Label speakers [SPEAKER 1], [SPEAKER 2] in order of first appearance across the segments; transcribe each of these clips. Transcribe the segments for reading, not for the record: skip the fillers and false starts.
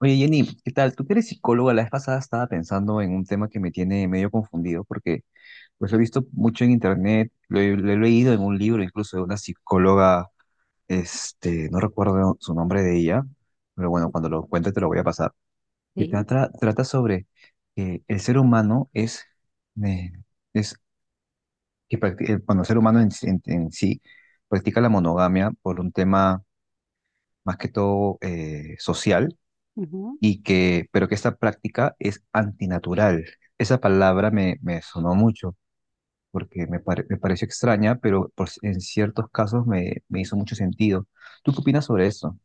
[SPEAKER 1] Oye, Jenny, ¿qué tal? Tú que eres psicóloga, la vez pasada estaba pensando en un tema que me tiene medio confundido porque pues lo he visto mucho en internet, lo he leído en un libro incluso de una psicóloga, no recuerdo su nombre de ella, pero bueno, cuando lo encuentre te lo voy a pasar, que
[SPEAKER 2] Sí,
[SPEAKER 1] trata sobre que el ser humano eh, es bueno, el ser humano en sí practica la monogamia por un tema más que todo social
[SPEAKER 2] ujú.
[SPEAKER 1] y que, pero que esta práctica es antinatural. Esa palabra me sonó mucho porque me pareció extraña, pero por, en ciertos casos me hizo mucho sentido. ¿Tú qué opinas sobre eso?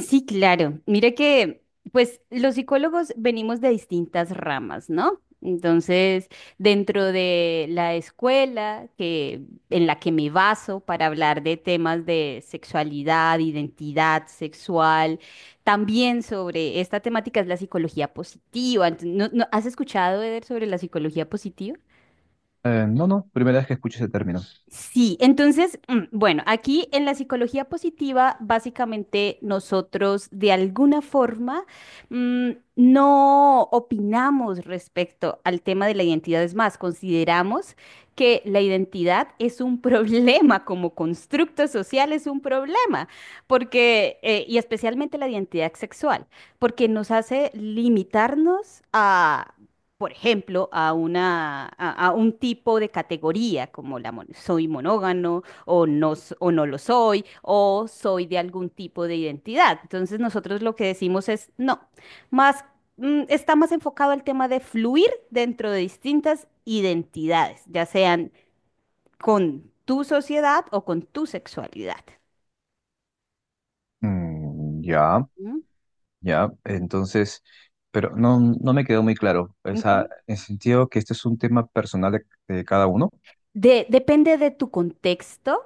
[SPEAKER 2] Sí, claro. Mira que, pues, los psicólogos venimos de distintas ramas, ¿no? Entonces, dentro de la escuela que, en la que me baso para hablar de temas de sexualidad, identidad sexual, también sobre esta temática es la psicología positiva. ¿ has escuchado, Eder, sobre la psicología positiva?
[SPEAKER 1] No, primera vez que escucho ese término.
[SPEAKER 2] Sí, entonces, bueno, aquí en la psicología positiva, básicamente nosotros de alguna forma mm, no opinamos respecto al tema de la identidad. Es más, consideramos que la identidad es un problema como constructo social, es un problema, porque, y especialmente la identidad sexual, porque nos hace limitarnos, por ejemplo, a a un tipo de categoría como la soy monógamo o no, o no lo soy, o soy de algún tipo de identidad. Entonces nosotros lo que decimos es no, más está más enfocado al tema de fluir dentro de distintas identidades, ya sean con tu sociedad o con tu sexualidad.
[SPEAKER 1] Mm, ya,
[SPEAKER 2] ¿Mm?
[SPEAKER 1] ya, entonces, pero no, no me quedó muy claro. O sea,
[SPEAKER 2] Ujú.
[SPEAKER 1] en sentido que este es un tema personal de cada uno.
[SPEAKER 2] Depende de tu contexto,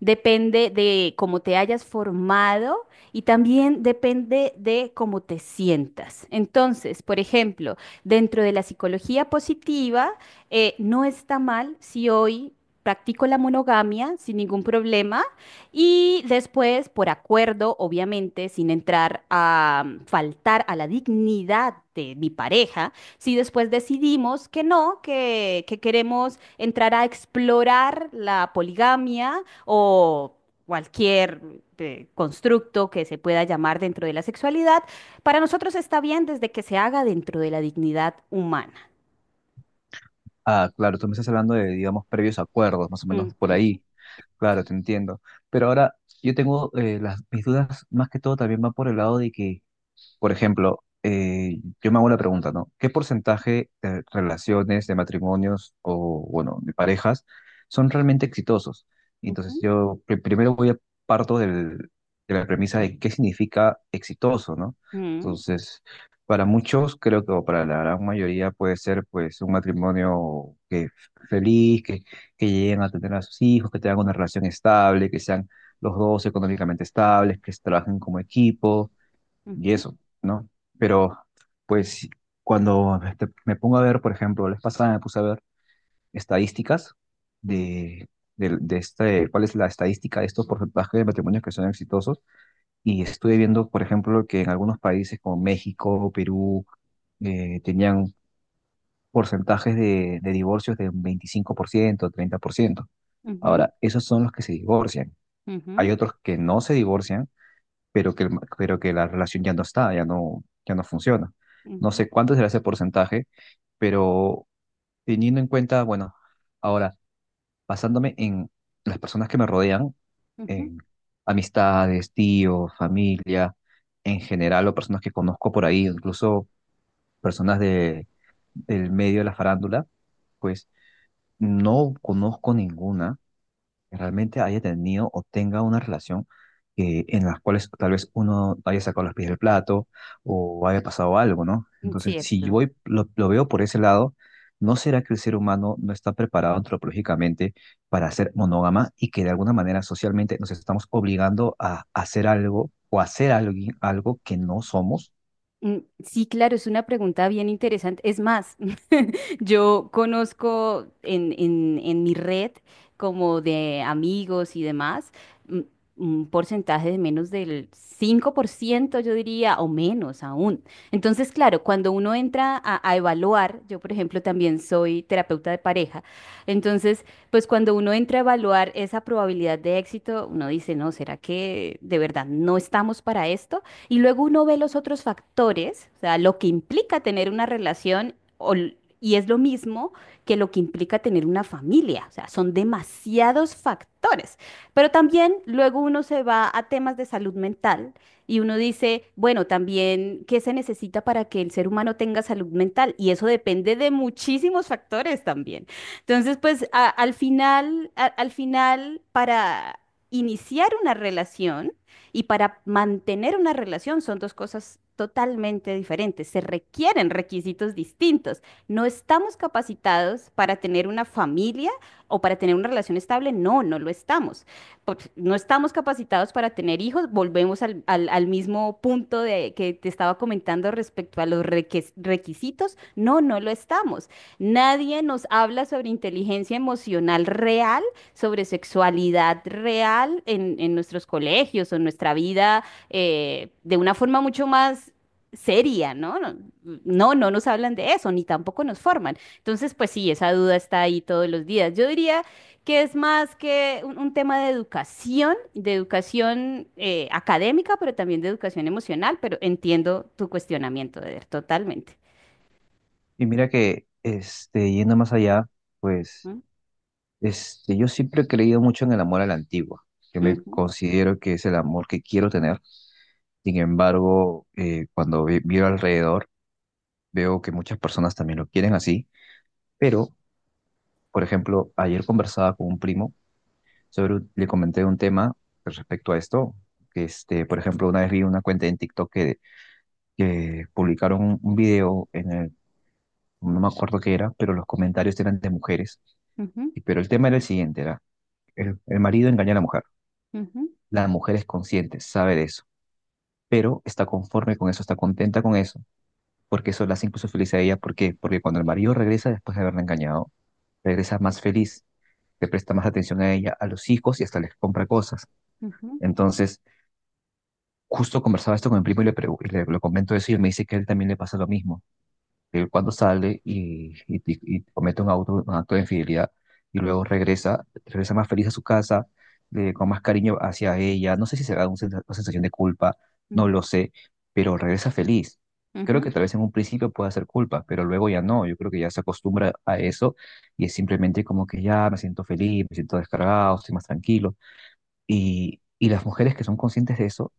[SPEAKER 2] depende de cómo te hayas formado, y también depende de cómo te sientas. Entonces, por ejemplo, dentro de la psicología positiva, no está mal si hoy practico la monogamia sin ningún problema, y después, por acuerdo, obviamente, sin entrar a faltar a la dignidad de mi pareja, si después decidimos que no, que queremos entrar a explorar la poligamia o cualquier constructo que se pueda llamar dentro de la sexualidad, para nosotros está bien desde que se haga dentro de la dignidad humana.
[SPEAKER 1] Ah, claro, tú me estás hablando de, digamos, previos acuerdos, más o menos por
[SPEAKER 2] Ujú,
[SPEAKER 1] ahí. Claro, te entiendo. Pero ahora yo tengo mis dudas más que todo también van por el lado de que por ejemplo, yo me hago la pregunta, ¿no? ¿Qué porcentaje de relaciones, de matrimonios o, bueno, de parejas son realmente exitosos? Y entonces,
[SPEAKER 2] ujú,
[SPEAKER 1] primero voy a parto del- de la premisa de qué significa exitoso, ¿no?
[SPEAKER 2] mm,
[SPEAKER 1] Entonces, para muchos, creo que, o para la gran mayoría, puede ser, pues, un matrimonio que feliz, que lleguen a tener a sus hijos, que tengan una relación estable, que sean los dos económicamente estables, que trabajen como equipo y
[SPEAKER 2] ujú,
[SPEAKER 1] eso, ¿no? Pero pues cuando me pongo a ver, por ejemplo, la vez pasada me puse a ver estadísticas
[SPEAKER 2] mm,
[SPEAKER 1] de, de este, cuál es la estadística de estos porcentajes de matrimonios que son exitosos y estuve viendo, por ejemplo, que en algunos países como México, Perú, tenían porcentajes de divorcios de un 25%, 30%.
[SPEAKER 2] ujú,
[SPEAKER 1] Ahora, esos son los que se divorcian.
[SPEAKER 2] ujú,
[SPEAKER 1] Hay otros que no se divorcian pero que, pero que la relación ya no está, ya no funciona. No
[SPEAKER 2] ujú,
[SPEAKER 1] sé cuánto será ese porcentaje, pero teniendo en cuenta, bueno, ahora, basándome en las personas que me rodean,
[SPEAKER 2] ujú.
[SPEAKER 1] en amistades, tíos, familia, en general, o personas que conozco por ahí, incluso personas de, del medio de la farándula, pues no conozco ninguna que realmente haya tenido o tenga una relación en las cuales tal vez uno haya sacado los pies del plato o haya pasado algo, ¿no? Entonces, si yo
[SPEAKER 2] Cierto.
[SPEAKER 1] voy, lo veo por ese lado, ¿no será que el ser humano no está preparado antropológicamente para ser monógama y que de alguna manera socialmente nos estamos obligando a hacer algo o hacer algo, algo que no somos?
[SPEAKER 2] Mm, Sí, claro, es una pregunta bien interesante. Es más, yo conozco en mi red como de amigos y demás, mm, un porcentaje de menos del 5%, yo diría, o menos aún. Entonces, claro, cuando uno entra a evaluar, yo por ejemplo también soy terapeuta de pareja, entonces, pues cuando uno entra a evaluar esa probabilidad de éxito, uno dice, no, ¿será que de verdad no estamos para esto? Y luego uno ve los otros factores, o sea, lo que implica tener una relación y es lo mismo que lo que implica tener una familia, o sea, son demasiados factores. Pero también luego uno se va a temas de salud mental y uno dice, bueno, también, ¿qué se necesita para que el ser humano tenga salud mental? Y eso depende de muchísimos factores también. Entonces, pues al final, al final, para iniciar una relación, y para mantener una relación son dos cosas totalmente diferentes. Se requieren requisitos distintos. No estamos capacitados para tener una familia o para tener una relación estable. No, no lo estamos. Pues, no estamos capacitados para tener hijos. Volvemos al mismo punto de, que te estaba comentando respecto a los requisitos. No, no lo estamos. Nadie nos habla sobre inteligencia emocional real, sobre sexualidad real en nuestros colegios o en nuestra vida, de una forma mucho más seria, ¿no? No, no nos hablan de eso, ni tampoco nos forman. Entonces, pues sí, esa duda está ahí todos los días. Yo diría que es más que un tema de educación académica, pero también de educación emocional, pero entiendo tu cuestionamiento, Eder, totalmente.
[SPEAKER 1] Y mira que, yendo más allá, pues... Este, yo siempre he creído mucho en el amor a la antigua, que me
[SPEAKER 2] Ujú,
[SPEAKER 1] considero que es el amor que quiero tener. Sin embargo, miro alrededor, veo que muchas personas también lo quieren así. Pero, por ejemplo, ayer conversaba con un primo le comenté un tema respecto a esto, que por ejemplo, una vez vi una cuenta en TikTok que publicaron un video en el, no me acuerdo qué era, pero los comentarios eran de mujeres.
[SPEAKER 2] ujú,
[SPEAKER 1] Y- Pero el tema era el siguiente, era el marido engaña a la mujer.
[SPEAKER 2] ujú,
[SPEAKER 1] La mujer es consciente, sabe de eso, pero está conforme con eso, está contenta con eso, porque eso la hace incluso feliz a ella. ¿Por qué? Porque cuando el marido regresa después de haberla engañado, regresa más feliz, le presta más atención a ella, a los hijos y hasta les compra cosas.
[SPEAKER 2] ujú,
[SPEAKER 1] Entonces, justo conversaba esto con mi primo y lo comento eso y él me dice que a él también le pasa lo mismo. Él cuando sale y comete un acto de infidelidad y luego regresa más feliz a su casa, con más cariño hacia ella. No sé si será una sensación de culpa,
[SPEAKER 2] ujú,
[SPEAKER 1] no
[SPEAKER 2] ujú,
[SPEAKER 1] lo sé, pero regresa feliz. Creo
[SPEAKER 2] ujú.
[SPEAKER 1] que tal vez en un principio pueda ser culpa, pero luego ya no. Yo creo que ya se acostumbra a eso y es simplemente como que ya me siento feliz, me siento descargado, estoy más tranquilo. Y las mujeres que son conscientes de eso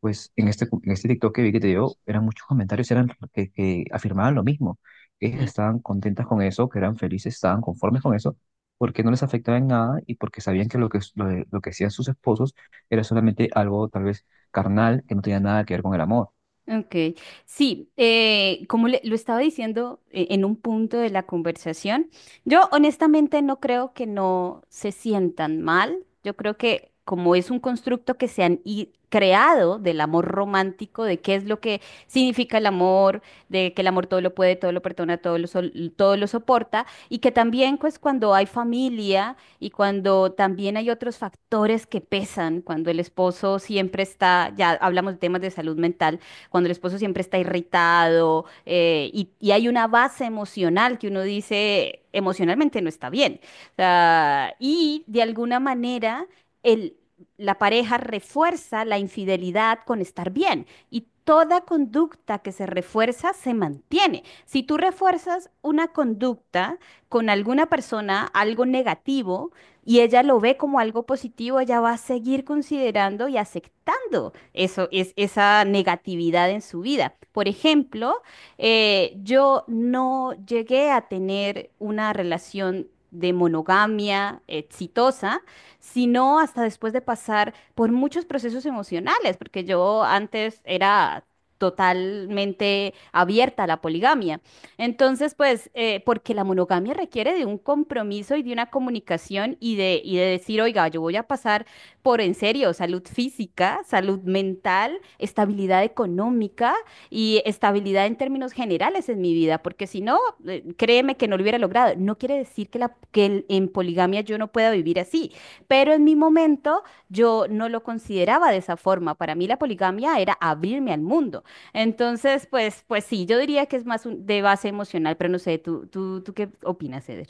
[SPEAKER 1] pues en este TikTok que vi que te dio, eran muchos comentarios eran que afirmaban lo mismo, que ellas
[SPEAKER 2] Sí.
[SPEAKER 1] estaban contentas con eso, que eran felices, estaban conformes con eso, porque no les afectaba en nada y porque sabían que lo que hacían sus esposos era solamente algo tal vez carnal, que no tenía nada que ver con el amor.
[SPEAKER 2] Ok, sí, como lo estaba diciendo, en un punto de la conversación, yo honestamente no creo que no se sientan mal, yo creo que como es un constructo que se han creado del amor romántico, de qué es lo que significa el amor, de que el amor todo lo puede, todo lo perdona, todo lo, todo lo soporta, y que también pues cuando hay familia y cuando también hay otros factores que pesan, cuando el esposo siempre está, ya hablamos de temas de salud mental, cuando el esposo siempre está irritado, y hay una base emocional que uno dice emocionalmente no está bien. O sea, y de alguna manera el, la pareja refuerza la infidelidad con estar bien, y toda conducta que se refuerza se mantiene. Si tú refuerzas una conducta con alguna persona, algo negativo, y ella lo ve como algo positivo, ella va a seguir considerando y aceptando eso, es, esa negatividad en su vida. Por ejemplo, yo no llegué a tener una relación de monogamia exitosa, sino hasta después de pasar por muchos procesos emocionales, porque yo antes era totalmente abierta a la poligamia. Entonces, pues, porque la monogamia requiere de un compromiso y de una comunicación y de decir, oiga, yo voy a pasar por, en serio, salud física, salud mental, estabilidad económica y estabilidad en términos generales en mi vida, porque si no, créeme que no lo hubiera logrado. No quiere decir que, la, en poligamia yo no pueda vivir así, pero en mi momento yo no lo consideraba de esa forma. Para mí la poligamia era abrirme al mundo. Entonces, pues, pues sí, yo diría que es más de base emocional, pero no sé, tú qué opinas, Eder?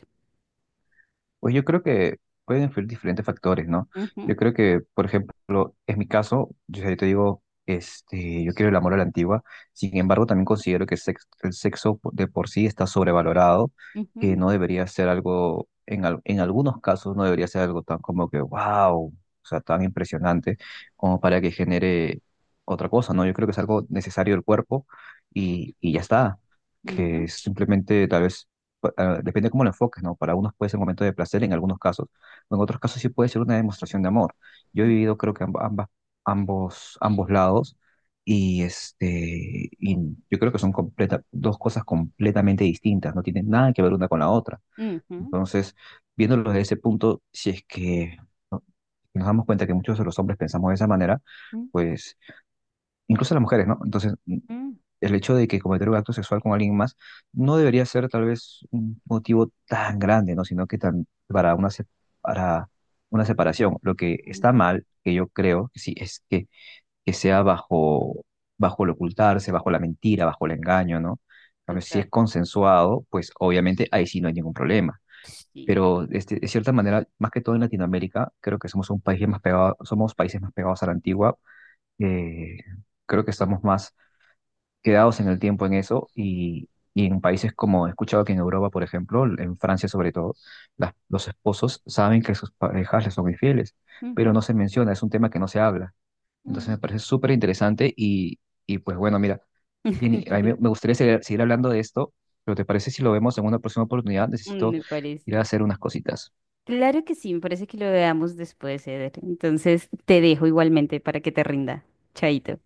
[SPEAKER 1] Pues yo creo que pueden influir diferentes factores, ¿no?
[SPEAKER 2] Ujú,
[SPEAKER 1] Yo creo que, por ejemplo, en mi caso, yo te digo, yo quiero el amor a la antigua, sin embargo, también considero que el sexo de por sí está sobrevalorado, que
[SPEAKER 2] ujú,
[SPEAKER 1] no debería ser algo, en algunos casos, no debería ser algo tan como que, wow, o sea, tan impresionante como para que genere otra cosa, ¿no? Yo creo que es algo necesario del cuerpo y ya está,
[SPEAKER 2] ujú,
[SPEAKER 1] que simplemente tal vez depende de cómo lo enfoques, ¿no? Para unos puede ser un momento de placer en algunos casos, o en otros casos sí puede ser una demostración de amor. Yo he vivido creo que ambas, ambos lados y, y yo creo que son dos cosas completamente distintas, no tienen nada que ver una con la otra.
[SPEAKER 2] ujú,
[SPEAKER 1] Entonces, viéndolo desde ese punto, si es que ¿no? nos damos cuenta que muchos de los hombres pensamos de esa manera,
[SPEAKER 2] ujú,
[SPEAKER 1] pues incluso las mujeres, ¿no? Entonces,
[SPEAKER 2] ujú.
[SPEAKER 1] el hecho de que cometer un acto sexual con alguien más no debería ser tal vez un motivo tan grande, ¿no? Sino que tan, para una separación. Lo que está
[SPEAKER 2] Ujú,
[SPEAKER 1] mal, que yo creo que sí, es que sea bajo, bajo el ocultarse, bajo la mentira, bajo el engaño, ¿no? En cambio, si
[SPEAKER 2] total.
[SPEAKER 1] es consensuado, pues obviamente ahí sí no hay ningún problema.
[SPEAKER 2] Sí.
[SPEAKER 1] Pero de cierta manera, más que todo en Latinoamérica, creo que somos un país más pegado, somos países más pegados a la antigua. eh, Creo que estamos más quedados en el tiempo en eso y en países como he escuchado que en Europa, por ejemplo, en Francia sobre todo, los esposos saben que sus parejas les son infieles, pero
[SPEAKER 2] Ujú,
[SPEAKER 1] no se menciona, es un tema que no se habla. Entonces me
[SPEAKER 2] ujú.
[SPEAKER 1] parece súper interesante y pues bueno, mira, Jenny, a mí me gustaría seguir hablando de esto, pero ¿te parece si lo vemos en una próxima oportunidad? Necesito
[SPEAKER 2] Me
[SPEAKER 1] ir a
[SPEAKER 2] parece.
[SPEAKER 1] hacer unas cositas.
[SPEAKER 2] Claro que sí, me parece que lo veamos después, Eder. Entonces te dejo igualmente para que te rinda. Chaito.